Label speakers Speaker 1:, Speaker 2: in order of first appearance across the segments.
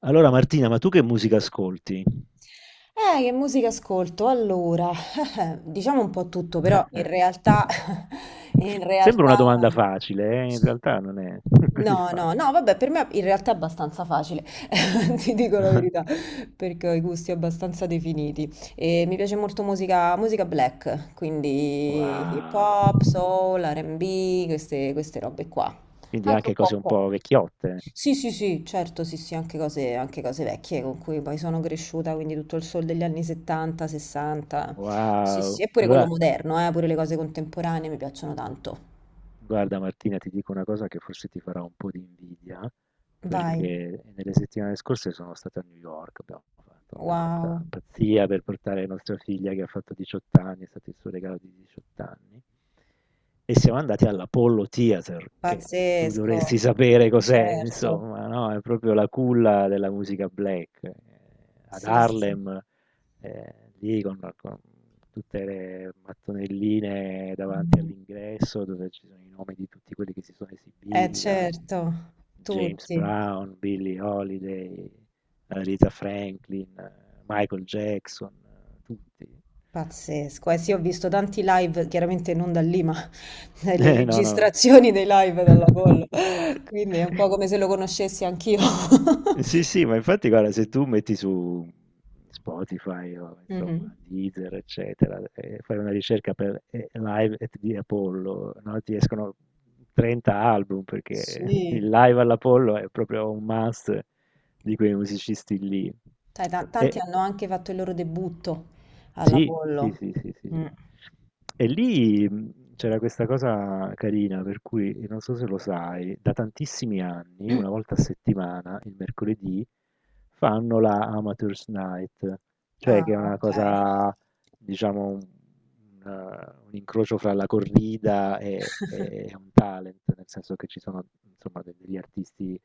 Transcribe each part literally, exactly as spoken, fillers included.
Speaker 1: Allora Martina, ma tu che musica ascolti?
Speaker 2: Eh, che musica ascolto? Allora, diciamo un po' tutto, però in realtà, in
Speaker 1: Sembra
Speaker 2: realtà,
Speaker 1: una domanda facile. eh, In realtà non è così
Speaker 2: no, no, no,
Speaker 1: facile.
Speaker 2: vabbè, per me in realtà è abbastanza facile, ti dico la verità, perché ho i gusti abbastanza definiti. E mi piace molto musica, musica black, quindi hip
Speaker 1: Wow.
Speaker 2: hop, soul, R and B, queste, queste robe qua.
Speaker 1: Quindi
Speaker 2: Anche
Speaker 1: anche
Speaker 2: un
Speaker 1: cose
Speaker 2: po'
Speaker 1: un
Speaker 2: pop.
Speaker 1: po' vecchiotte. Eh.
Speaker 2: Sì, sì, sì, certo, sì, sì, anche cose, anche cose vecchie con cui poi sono cresciuta, quindi tutto il soul degli anni settanta, sessanta. Sì,
Speaker 1: Wow.
Speaker 2: sì, e pure quello
Speaker 1: Allora,
Speaker 2: moderno, eh, pure le cose contemporanee mi piacciono tanto.
Speaker 1: guarda Martina, ti dico una cosa che forse ti farà un po' di invidia,
Speaker 2: Vai,
Speaker 1: perché nelle settimane scorse sono stato a New York. Abbiamo fatto, vabbè,
Speaker 2: wow,
Speaker 1: questa pazzia per portare nostra figlia che ha fatto diciotto anni. È stato il suo regalo di diciotto anni, e siamo andati all'Apollo Theater, che tu
Speaker 2: pazzesco,
Speaker 1: dovresti sapere cos'è,
Speaker 2: certo,
Speaker 1: insomma, no? È proprio la culla della musica black, eh, ad
Speaker 2: sì, sì.
Speaker 1: Harlem, eh, lì con, con tutte le mattonelline davanti
Speaker 2: Mm.
Speaker 1: all'ingresso dove ci sono i nomi di tutti quelli che si sono
Speaker 2: Eh,
Speaker 1: esibiti, da
Speaker 2: certo,
Speaker 1: James
Speaker 2: tutti.
Speaker 1: Brown, Billie Holiday, eh, Aretha Franklin, eh, Michael Jackson, eh, tutti.
Speaker 2: Pazzesco, eh sì, ho visto tanti live, chiaramente non da lì, ma le
Speaker 1: Eh, no, no,
Speaker 2: registrazioni dei live dalla
Speaker 1: no.
Speaker 2: Apollo, quindi è un po' come se lo conoscessi anch'io.
Speaker 1: Sì, sì, ma infatti guarda, se tu metti su Spotify, o
Speaker 2: Mhm.
Speaker 1: insomma Deezer, eccetera, e fai una ricerca per eh, Live at the Apollo, no? Ti escono trenta album perché
Speaker 2: Sì,
Speaker 1: il live all'Apollo è proprio un must di quei musicisti lì.
Speaker 2: dai, ta- tanti
Speaker 1: E
Speaker 2: hanno anche fatto il loro debutto
Speaker 1: sì, sì,
Speaker 2: all'Apollo.
Speaker 1: sì, sì, sì, sì.
Speaker 2: Mm.
Speaker 1: E lì, mh, c'era questa cosa carina, per cui non so se lo sai, da tantissimi anni, una volta a settimana, il mercoledì, fanno la Amateurs Night, cioè
Speaker 2: Ah,
Speaker 1: che è una
Speaker 2: ok.
Speaker 1: cosa, diciamo, un, una- un incrocio fra la corrida e, e un talent, nel senso che ci sono, insomma, de- degli artisti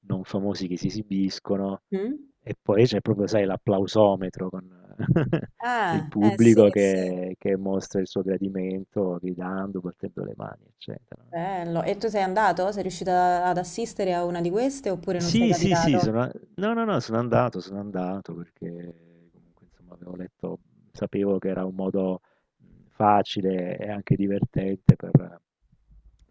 Speaker 1: non famosi che si esibiscono,
Speaker 2: Mm?
Speaker 1: e poi c'è proprio, sai, l'applausometro con il
Speaker 2: Ah, eh sì,
Speaker 1: pubblico
Speaker 2: sì,
Speaker 1: che, che mostra il suo gradimento gridando, battendo le mani, eccetera.
Speaker 2: bello. E tu sei andato? Sei riuscito a- ad assistere a una di queste oppure non sei
Speaker 1: Sì, sì, sì,
Speaker 2: capitato?
Speaker 1: sono, no, no, no, sono andato, sono andato perché comunque insomma avevo letto, sapevo che era un modo, mh, facile e anche divertente per,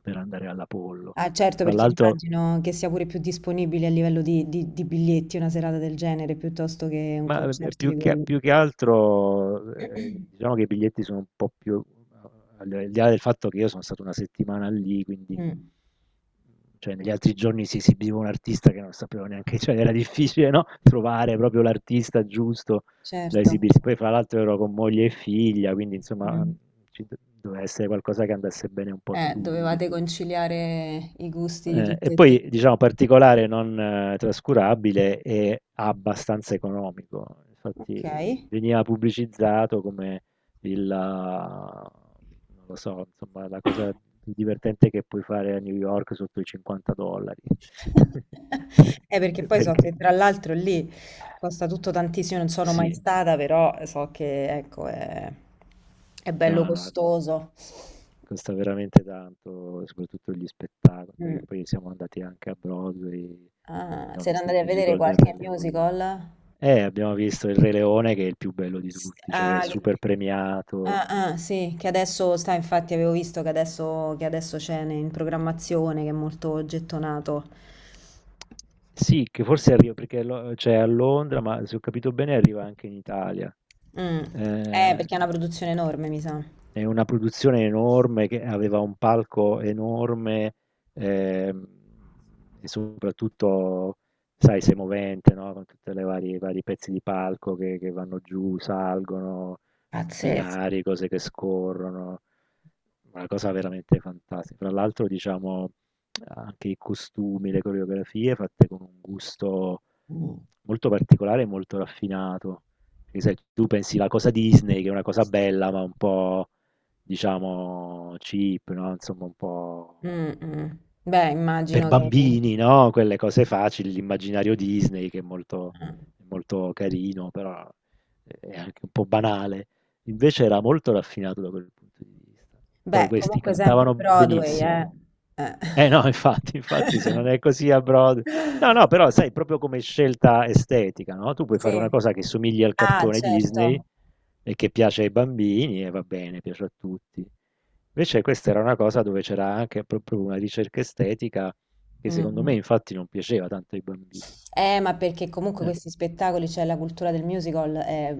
Speaker 1: per andare all'Apollo.
Speaker 2: Ah, certo,
Speaker 1: Fra
Speaker 2: perché
Speaker 1: l'altro
Speaker 2: immagino che sia pure più disponibile a livello di, di- di biglietti una serata del genere piuttosto che un
Speaker 1: Ma eh,
Speaker 2: concerto di
Speaker 1: più che,
Speaker 2: quello.
Speaker 1: più che altro, eh, diciamo che i biglietti sono un po' più, al al di là del fatto che io sono stato una settimana lì, quindi,
Speaker 2: Mm,
Speaker 1: cioè, negli altri giorni si esibiva un artista che non sapevo neanche, cioè era difficile, no? Trovare proprio l'artista giusto da
Speaker 2: certo.
Speaker 1: esibirsi. Poi fra l'altro ero con moglie e figlia, quindi insomma
Speaker 2: Mm.
Speaker 1: ci do- doveva essere qualcosa che andasse bene un po' a
Speaker 2: Eh,
Speaker 1: tutti.
Speaker 2: dovevate conciliare i gusti di
Speaker 1: Eh, e
Speaker 2: tutte e tre.
Speaker 1: poi, diciamo, particolare non eh, trascurabile, è abbastanza economico.
Speaker 2: Ok.
Speaker 1: Infatti, veniva pubblicizzato come il, ah, non lo so, insomma, la cosa più divertente che puoi fare a New York sotto i cinquanta dollari.
Speaker 2: Eh, perché poi so che
Speaker 1: Perché
Speaker 2: tra l'altro lì costa tutto tantissimo, non sono mai
Speaker 1: sì,
Speaker 2: stata, però so che ecco, è, è bello
Speaker 1: no, no,
Speaker 2: costoso.
Speaker 1: costa veramente tanto, soprattutto gli spettacoli.
Speaker 2: Mm.
Speaker 1: Poi, poi siamo andati anche a Broadway,
Speaker 2: Ah,
Speaker 1: abbiamo
Speaker 2: siete
Speaker 1: visto
Speaker 2: andati
Speaker 1: il
Speaker 2: a vedere
Speaker 1: musical del Re
Speaker 2: qualche
Speaker 1: Leone.
Speaker 2: musical?
Speaker 1: Eh, abbiamo visto Il Re Leone, che è il più bello di
Speaker 2: S-
Speaker 1: tutti, cioè è
Speaker 2: ah, che-
Speaker 1: super premiato.
Speaker 2: ah, ah, sì, che adesso sta, infatti avevo visto che adesso, che adesso c'è ne- in programmazione, che è molto gettonato.
Speaker 1: Sì, che forse arriva perché lo- cioè, a Londra, ma se ho capito bene arriva anche in Italia.
Speaker 2: Mm. Eh,
Speaker 1: Eh,
Speaker 2: perché è una produzione enorme, mi sa.
Speaker 1: è una produzione enorme che aveva un palco enorme, ehm, e soprattutto, sai, sei movente, no? Con tutti i vari vari pezzi di palco che, che vanno giù, salgono,
Speaker 2: Pazzesco.
Speaker 1: binari, cose che scorrono. Una cosa veramente fantastica. Fra l'altro, diciamo, anche i costumi, le coreografie fatte con un gusto
Speaker 2: Mm.
Speaker 1: molto particolare e molto raffinato. Perché sai, tu pensi la cosa Disney, che è una cosa bella, ma un po', diciamo, cheap, no? Insomma, un po'
Speaker 2: Mm, mm. Beh,
Speaker 1: per
Speaker 2: immagino che...
Speaker 1: bambini, no? Quelle cose facili, l'immaginario Disney che è molto,
Speaker 2: eh.
Speaker 1: molto carino, però è anche un po' banale. Invece era molto raffinato da quel punto di vista. Poi
Speaker 2: Beh,
Speaker 1: questi
Speaker 2: comunque sempre
Speaker 1: cantavano
Speaker 2: Broadway,
Speaker 1: benissimo,
Speaker 2: eh. Eh.
Speaker 1: eh no, infatti, infatti se non è così a Broadway. No, no, però sai, proprio come scelta estetica, no? Tu puoi fare una
Speaker 2: Sì.
Speaker 1: cosa che somigli al
Speaker 2: Ah,
Speaker 1: cartone Disney
Speaker 2: certo.
Speaker 1: e che piace ai bambini e va bene, piace a tutti. Invece questa era una cosa dove c'era anche proprio una ricerca estetica che
Speaker 2: Mm,
Speaker 1: secondo me
Speaker 2: mm.
Speaker 1: infatti non piaceva tanto ai bambini.
Speaker 2: Eh, ma perché comunque
Speaker 1: Eh,
Speaker 2: questi spettacoli, cioè la cultura del musical è,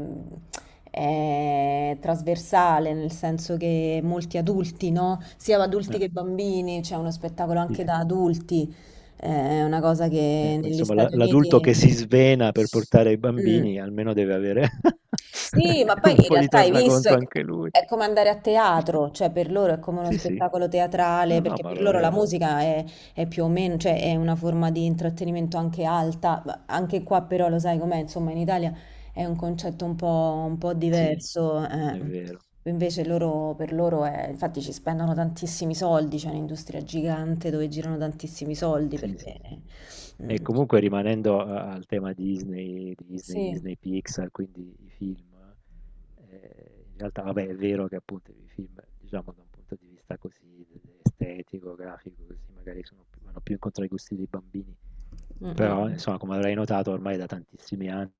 Speaker 2: è trasversale, nel senso che molti adulti, no? Sia adulti
Speaker 1: eh,
Speaker 2: che bambini, c'è uno spettacolo
Speaker 1: sì,
Speaker 2: anche
Speaker 1: sì.
Speaker 2: da adulti, eh, è una cosa
Speaker 1: Eh,
Speaker 2: che
Speaker 1: poi,
Speaker 2: negli
Speaker 1: insomma, la-
Speaker 2: Stati
Speaker 1: l'adulto che si
Speaker 2: Uniti...
Speaker 1: svena per portare i
Speaker 2: Mm.
Speaker 1: bambini almeno deve avere
Speaker 2: Sì, ma
Speaker 1: un
Speaker 2: poi in
Speaker 1: po' di
Speaker 2: realtà hai visto,
Speaker 1: tornaconto
Speaker 2: è,
Speaker 1: anche lui.
Speaker 2: è come andare a teatro, cioè per loro è come uno
Speaker 1: Sì, sì.
Speaker 2: spettacolo
Speaker 1: No,
Speaker 2: teatrale,
Speaker 1: no,
Speaker 2: perché
Speaker 1: ma
Speaker 2: per
Speaker 1: lo
Speaker 2: loro la
Speaker 1: è.
Speaker 2: musica è, è più o meno, cioè è una forma di intrattenimento anche alta, ma anche qua però lo sai com'è, insomma in Italia è un concetto un po', un po'
Speaker 1: Sì,
Speaker 2: diverso,
Speaker 1: è
Speaker 2: eh.
Speaker 1: vero.
Speaker 2: Invece loro, per loro è, infatti ci spendono tantissimi soldi, c'è un'industria gigante dove girano tantissimi soldi,
Speaker 1: Sì, sì, sì,
Speaker 2: perché...
Speaker 1: sì. E
Speaker 2: mm,
Speaker 1: comunque rimanendo a- al tema Disney, Disney,
Speaker 2: sì,
Speaker 1: Disney Pixar, quindi i film, eh, in realtà, vabbè, è vero che appunto i film, diciamo, da un punto di vista così estetico, grafico, così magari sono più- vanno più incontro ai gusti dei bambini.
Speaker 2: mm, mm,
Speaker 1: Però,
Speaker 2: mm.
Speaker 1: insomma, come avrai notato, ormai è da tantissimi anni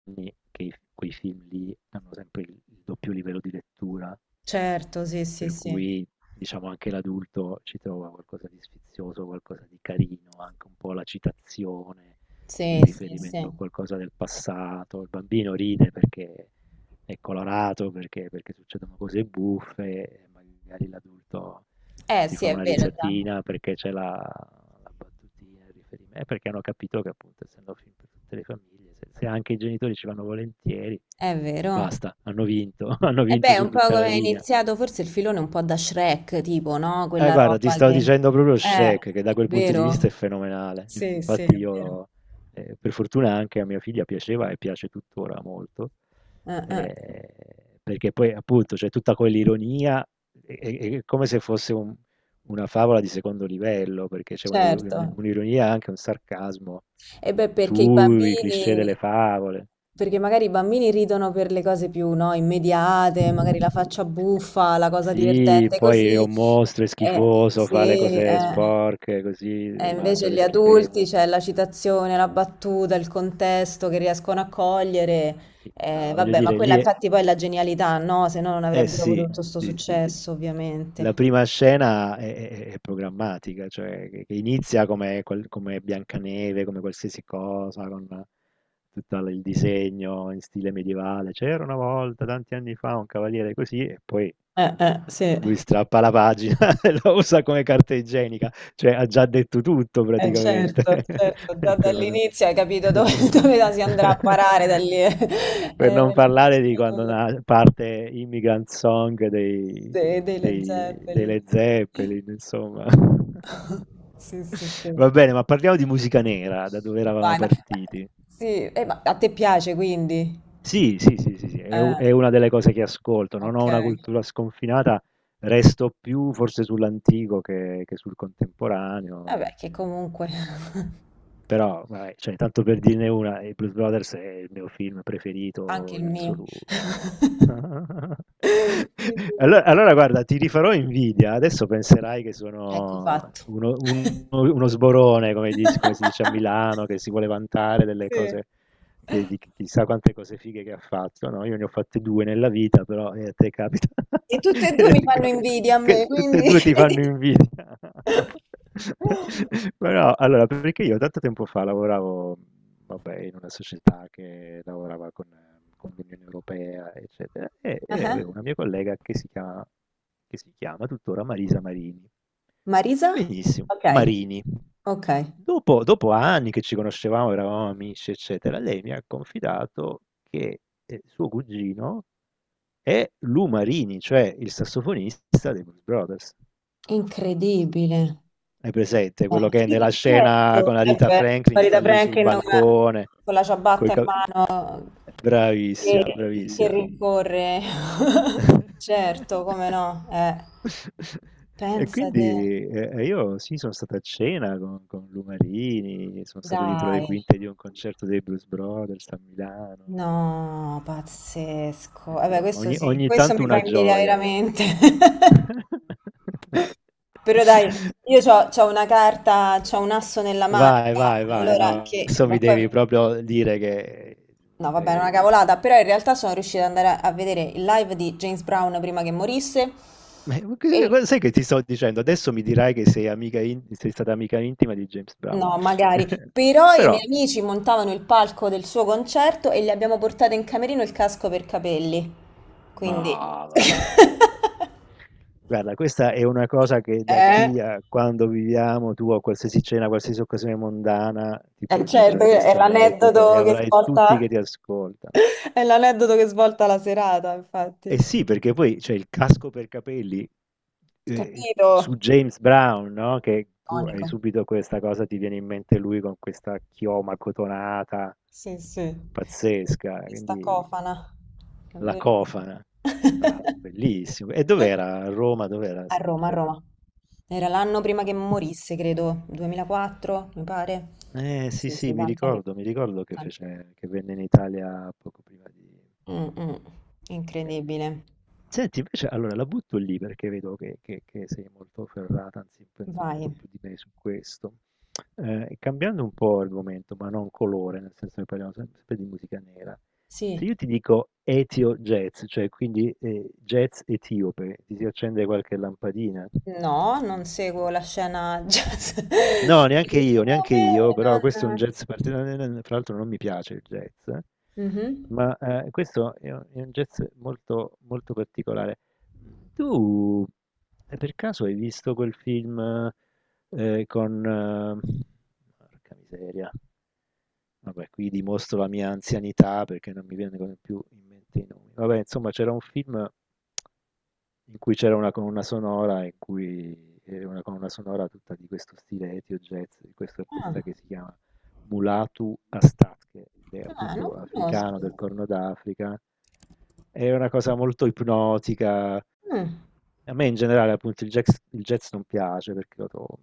Speaker 1: che i- quei film lì hanno sempre il il doppio livello di lettura.
Speaker 2: Certo, sì, sì,
Speaker 1: Per
Speaker 2: sì.
Speaker 1: cui, diciamo, anche l'adulto ci trova qualcosa di sfizioso, qualcosa di carino, anche un po' la citazione, il
Speaker 2: Sì, sì, sì.
Speaker 1: riferimento a qualcosa del passato. Il bambino ride perché è colorato, perché, perché succedono cose buffe, e magari l'adulto
Speaker 2: Eh
Speaker 1: si
Speaker 2: sì,
Speaker 1: fa
Speaker 2: è
Speaker 1: una
Speaker 2: vero, già.
Speaker 1: risatina perché c'è la, la battutina, il riferimento, e perché hanno capito che appunto, essendo film per tutte le famiglie, se, se anche i genitori ci vanno volentieri,
Speaker 2: È vero.
Speaker 1: basta, hanno vinto, hanno
Speaker 2: E beh,
Speaker 1: vinto
Speaker 2: è
Speaker 1: su
Speaker 2: un po'
Speaker 1: tutta la
Speaker 2: come è
Speaker 1: linea.
Speaker 2: iniziato forse il filone un po' da Shrek, tipo, no?
Speaker 1: Eh,
Speaker 2: Quella
Speaker 1: guarda, ti
Speaker 2: roba
Speaker 1: stavo
Speaker 2: che...
Speaker 1: dicendo proprio
Speaker 2: eh,
Speaker 1: Shrek, che da quel punto di vista è
Speaker 2: vero?
Speaker 1: fenomenale.
Speaker 2: Sì, sì,
Speaker 1: Infatti
Speaker 2: è vero.
Speaker 1: io, eh, per fortuna, anche a mia figlia piaceva e piace tuttora molto,
Speaker 2: Eh, eh,
Speaker 1: eh, perché poi appunto c'è tutta quell'ironia, è, è- è come se fosse un- una favola di secondo livello, perché c'è una-
Speaker 2: Certo.
Speaker 1: un'ironia e anche un sarcasmo
Speaker 2: E beh, perché i
Speaker 1: sui cliché
Speaker 2: bambini,
Speaker 1: delle favole.
Speaker 2: perché magari i bambini ridono per le cose più, no, immediate, magari la faccia buffa, la cosa
Speaker 1: Sì,
Speaker 2: divertente
Speaker 1: poi è
Speaker 2: così,
Speaker 1: un mostro, è
Speaker 2: e
Speaker 1: schifoso, fa le
Speaker 2: sì,
Speaker 1: cose
Speaker 2: eh.
Speaker 1: sporche, così,
Speaker 2: E
Speaker 1: mangia
Speaker 2: invece
Speaker 1: le
Speaker 2: gli
Speaker 1: schifezze.
Speaker 2: adulti c'è la citazione, la battuta, il contesto che riescono a cogliere.
Speaker 1: Ma sì, ah,
Speaker 2: Eh,
Speaker 1: voglio
Speaker 2: vabbè, ma
Speaker 1: dire, lì
Speaker 2: quella
Speaker 1: è...
Speaker 2: infatti poi è la genialità, no? Se no non
Speaker 1: Eh
Speaker 2: avrebbero avuto
Speaker 1: sì,
Speaker 2: tutto questo
Speaker 1: sì, sì, sì.
Speaker 2: successo,
Speaker 1: La
Speaker 2: ovviamente.
Speaker 1: prima scena è, è- è programmatica, cioè che, che inizia come, qual- come Biancaneve, come qualsiasi cosa, con tutto il disegno in stile medievale. C'era una volta, tanti anni fa, un cavaliere così, e poi
Speaker 2: Eh, eh, sì.
Speaker 1: lui strappa la pagina e la usa come carta igienica, cioè ha già detto tutto
Speaker 2: Eh,
Speaker 1: praticamente.
Speaker 2: certo, certo,
Speaker 1: In
Speaker 2: già
Speaker 1: Quel- modo.
Speaker 2: dall'inizio hai capito dove, dove la si andrà a parare da lì, eh,
Speaker 1: Per
Speaker 2: eh,
Speaker 1: non
Speaker 2: il
Speaker 1: parlare
Speaker 2: nostro
Speaker 1: di quando
Speaker 2: tour
Speaker 1: na- parte Immigrant Song dei,
Speaker 2: de- dei Led
Speaker 1: dei, dei
Speaker 2: Zeppelin.
Speaker 1: Led Zeppelin, insomma.
Speaker 2: Sì, sì, sì.
Speaker 1: Va bene, ma parliamo di musica nera, da dove eravamo
Speaker 2: Vai, ma, ma-
Speaker 1: partiti.
Speaker 2: sì, eh, ma a te piace quindi?
Speaker 1: Sì, sì, sì, sì, sì, è u
Speaker 2: Eh,
Speaker 1: è una delle cose che ascolto. Non
Speaker 2: ok.
Speaker 1: ho una cultura sconfinata, resto più forse sull'antico che che sul contemporaneo.
Speaker 2: Vabbè, che comunque
Speaker 1: Però vabbè, cioè tanto per dirne una, i Blues Brothers è il mio film
Speaker 2: anche
Speaker 1: preferito
Speaker 2: il
Speaker 1: in
Speaker 2: mio.
Speaker 1: assoluto.
Speaker 2: Quindi,
Speaker 1: Allo allora guarda, ti rifarò invidia, adesso penserai che
Speaker 2: ecco
Speaker 1: sono
Speaker 2: fatto.
Speaker 1: uno uno uno sborone, come dis come si dice a Milano, che si vuole vantare delle
Speaker 2: Sì.
Speaker 1: cose che di chi chissà quante cose fighe che ha fatto. No, io ne ho fatte due nella vita, però, eh, a te capita
Speaker 2: E tutte e due
Speaker 1: e
Speaker 2: mi
Speaker 1: ti
Speaker 2: fanno
Speaker 1: capita
Speaker 2: invidia a
Speaker 1: che
Speaker 2: me,
Speaker 1: tutte e
Speaker 2: quindi
Speaker 1: due ti fanno
Speaker 2: credi.
Speaker 1: invidia. Però allora, perché io tanto tempo fa lavoravo, vabbè, in una società che lavorava con eh, con l'Unione Europea, eccetera, e e
Speaker 2: Ah-ah.
Speaker 1: avevo una mia collega che si chiama che si chiama tuttora Marisa Marini.
Speaker 2: Marisa?
Speaker 1: Benissimo,
Speaker 2: Okay,
Speaker 1: Marini.
Speaker 2: okay.
Speaker 1: Dopo, dopo anni che ci conoscevamo, eravamo amici, eccetera, lei mi ha confidato che eh, suo cugino è Lou Marini, cioè il sassofonista dei Blues Brothers.
Speaker 2: Incredibile.
Speaker 1: Hai presente quello
Speaker 2: Eh,
Speaker 1: che
Speaker 2: sì,
Speaker 1: nella scena con
Speaker 2: certo.
Speaker 1: la
Speaker 2: Eh
Speaker 1: Rita
Speaker 2: beh,
Speaker 1: Franklin
Speaker 2: Farida
Speaker 1: sta lì sul
Speaker 2: Franklin con la
Speaker 1: bancone?
Speaker 2: con la
Speaker 1: coi
Speaker 2: ciabatta in
Speaker 1: cap-
Speaker 2: mano che
Speaker 1: Bravissima,
Speaker 2: che
Speaker 1: bravissima.
Speaker 2: rincorre. Certo, come no, eh.
Speaker 1: E
Speaker 2: Pensa te,
Speaker 1: quindi eh, eh, io sì, sono stato a cena con, con Lumarini, sono stato dietro le
Speaker 2: dai.
Speaker 1: quinte di un concerto dei Blues Brothers a Milano.
Speaker 2: No, pazzesco. Vabbè,
Speaker 1: Insomma,
Speaker 2: questo
Speaker 1: ogni,
Speaker 2: sì,
Speaker 1: ogni
Speaker 2: questo
Speaker 1: tanto
Speaker 2: mi fa
Speaker 1: una
Speaker 2: invidia
Speaker 1: gioia.
Speaker 2: veramente. Però dai, io c'ho, c'ho una carta, c'ho un asso nella
Speaker 1: Vai,
Speaker 2: manica,
Speaker 1: vai, vai,
Speaker 2: allora
Speaker 1: no,
Speaker 2: che...
Speaker 1: adesso mi
Speaker 2: ma poi-
Speaker 1: devi proprio dire che...
Speaker 2: no, vabbè, è una
Speaker 1: sei-
Speaker 2: cavolata, però in realtà sono riuscita ad andare a, a vedere il live di James Brown prima che morisse
Speaker 1: eh, Ma che-
Speaker 2: e...
Speaker 1: che- sai che ti sto dicendo? Adesso mi dirai che sei amica in- sei stata amica intima di James Brown.
Speaker 2: no, magari. Però i
Speaker 1: Però...
Speaker 2: miei amici montavano il palco del suo concerto e gli abbiamo portato in camerino il casco per capelli. Quindi...
Speaker 1: Ma vabbè. Guarda, questa è una cosa che, da
Speaker 2: eh?
Speaker 1: qui a quando viviamo, tu a qualsiasi cena, qualsiasi occasione mondana, ti
Speaker 2: Eh,
Speaker 1: puoi
Speaker 2: certo,
Speaker 1: giocare
Speaker 2: è
Speaker 1: questo aneddoto e
Speaker 2: l'aneddoto che
Speaker 1: avrai tutti che
Speaker 2: svolta,
Speaker 1: ti ascoltano.
Speaker 2: è l'aneddoto che svolta la serata,
Speaker 1: E
Speaker 2: infatti.
Speaker 1: sì, perché poi c'è il casco per capelli, eh,
Speaker 2: Capito?
Speaker 1: su James Brown, no? Che tu hai
Speaker 2: Iconico.
Speaker 1: subito questa cosa, ti viene in mente lui con questa chioma cotonata
Speaker 2: Sì, sì.
Speaker 1: pazzesca,
Speaker 2: Questa
Speaker 1: quindi
Speaker 2: cofana. È
Speaker 1: la
Speaker 2: vero.
Speaker 1: cofana. Ah, bellissimo. E dov'era? A Roma, dov'era
Speaker 2: A
Speaker 1: questo
Speaker 2: Roma, a
Speaker 1: concerto?
Speaker 2: Roma. Era l'anno prima che
Speaker 1: Ah.
Speaker 2: morisse, credo, duemilaquattro, mi pare.
Speaker 1: Eh sì,
Speaker 2: Sì,
Speaker 1: sì,
Speaker 2: sì,
Speaker 1: mi
Speaker 2: tanti anni
Speaker 1: ricordo,
Speaker 2: fa.
Speaker 1: mi ricordo che
Speaker 2: Tanti
Speaker 1: fece, che venne in Italia poco prima di
Speaker 2: anni fa. Mm, mm.
Speaker 1: morire.
Speaker 2: Incredibile.
Speaker 1: Senti, invece, allora la butto lì perché vedo che, che- che sei molto ferrata, anzi penso molto
Speaker 2: Vai.
Speaker 1: più di me su questo. Eh, cambiando un po' argomento, ma non colore, nel senso che parliamo sempre sempre di musica nera. Se
Speaker 2: Sì.
Speaker 1: io ti dico etio jazz, cioè quindi eh, jazz etiope, ti si accende qualche lampadina?
Speaker 2: No, non seguo la scena jazz
Speaker 1: No, neanche io, neanche
Speaker 2: etiope,
Speaker 1: io, però questo è un
Speaker 2: non...
Speaker 1: jazz particolare. Fra l'altro non mi piace il jazz, eh.
Speaker 2: Mhm.
Speaker 1: Ma eh, questo è un, è un jazz molto, molto particolare. Tu eh, per caso hai visto quel film? Ehm, con Eh, porca miseria. Vabbè, qui dimostro la mia anzianità perché non mi vengono più in mente i nomi. Vabbè, insomma, c'era un film in cui c'era una colonna sonora in cui era una colonna sonora tutta di questo stile ethio jazz, di questo
Speaker 2: Ah,
Speaker 1: artista che si chiama Mulatu Astake, ed è
Speaker 2: ah, non
Speaker 1: appunto
Speaker 2: conosco.
Speaker 1: africano del Corno d'Africa. È una cosa molto ipnotica.
Speaker 2: Mm.
Speaker 1: A me in generale appunto il jazz, il jazz non piace perché lo trovo,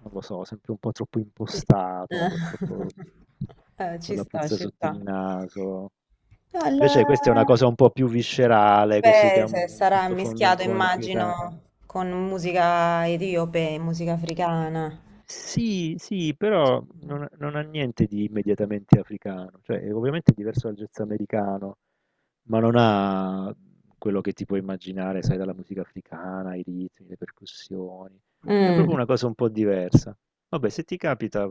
Speaker 1: non lo so, sempre un po' troppo
Speaker 2: Sì.
Speaker 1: impostato, un
Speaker 2: Eh,
Speaker 1: po' troppo
Speaker 2: eh,
Speaker 1: con
Speaker 2: ci
Speaker 1: la
Speaker 2: sta,
Speaker 1: puzza
Speaker 2: ci
Speaker 1: sotto il
Speaker 2: sta.
Speaker 1: naso.
Speaker 2: No, il-
Speaker 1: Invece questa è una cosa un po' più viscerale, così, che ha
Speaker 2: beh, se
Speaker 1: un
Speaker 2: sarà
Speaker 1: sottofondo un
Speaker 2: mischiato,
Speaker 1: po' inquietante.
Speaker 2: immagino, con musica etiope e musica africana.
Speaker 1: Sì, sì, però non, non ha niente di immediatamente africano, cioè è ovviamente diverso dal jazz americano. Ma non ha quello che ti puoi immaginare, sai, dalla musica africana, i ritmi, le percussioni. È
Speaker 2: Mm,
Speaker 1: proprio una cosa un po' diversa. Vabbè, se ti capita,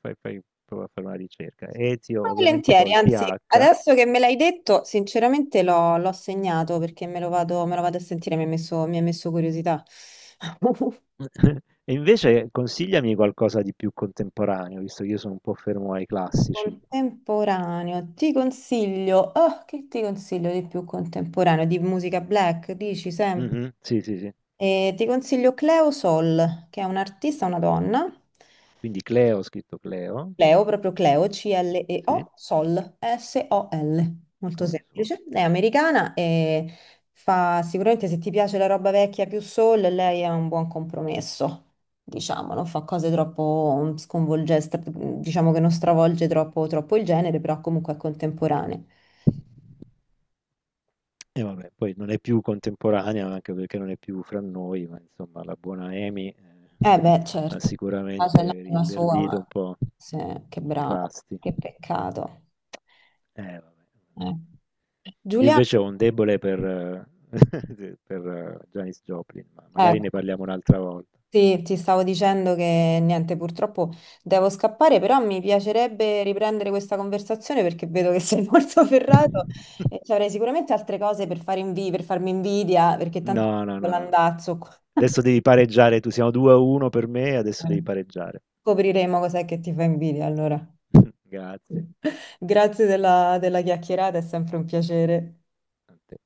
Speaker 1: fai, fai- prova a fare una ricerca. Etio, ovviamente
Speaker 2: volentieri,
Speaker 1: col
Speaker 2: anzi,
Speaker 1: T H.
Speaker 2: adesso che me l'hai detto, sinceramente l'ho l'ho segnato perché me lo vado, me lo vado a sentire, mi ha messo, mi ha messo curiosità.
Speaker 1: E invece consigliami qualcosa di più contemporaneo, visto che io sono un po' fermo ai classici.
Speaker 2: Contemporaneo, ti consiglio, oh, che ti consiglio di più contemporaneo? Di musica black, dici Sam?
Speaker 1: Mhm, sì, sì, sì.
Speaker 2: Eh, ti consiglio Cleo Sol, che è un'artista, una donna,
Speaker 1: Quindi Cleo, ho scritto Cleo.
Speaker 2: Cleo, proprio Cleo,
Speaker 1: Mhm, sì,
Speaker 2: C-L-E-O, Sol, S-O-L, S O L, molto
Speaker 1: come sole.
Speaker 2: semplice. È americana e fa sicuramente se ti piace la roba vecchia più soul, lei è un buon compromesso, diciamo, non fa cose troppo sconvolgenti, diciamo che non stravolge troppo, troppo il genere, però comunque è contemporanea.
Speaker 1: E vabbè, poi non è più contemporanea, anche perché non è più fra noi, ma insomma la buona Amy, eh,
Speaker 2: Eh beh,
Speaker 1: ha
Speaker 2: certo, ah, c'è
Speaker 1: sicuramente
Speaker 2: l'anima sua,
Speaker 1: rinverdito un
Speaker 2: ma
Speaker 1: po'
Speaker 2: sì, che
Speaker 1: i
Speaker 2: brava,
Speaker 1: fasti.
Speaker 2: che peccato.
Speaker 1: Eh, vabbè.
Speaker 2: Eh.
Speaker 1: Io
Speaker 2: Giuliana,
Speaker 1: invece ho un debole per eh, per eh, Janis Joplin, ma magari
Speaker 2: ecco.
Speaker 1: ne parliamo un'altra volta.
Speaker 2: Sì, ti stavo dicendo che niente, purtroppo devo scappare, però mi piacerebbe riprendere questa conversazione perché vedo che sei molto ferrato e ci avrei sicuramente altre cose per fare invi- per farmi invidia, perché tanto
Speaker 1: No, no, no, no.
Speaker 2: l'andazzo qua.
Speaker 1: Adesso devi pareggiare, tu siamo due a uno per me, adesso devi pareggiare.
Speaker 2: Scopriremo cos'è che ti fa invidia allora.
Speaker 1: Grazie
Speaker 2: Grazie della della chiacchierata, è sempre un piacere.
Speaker 1: a te.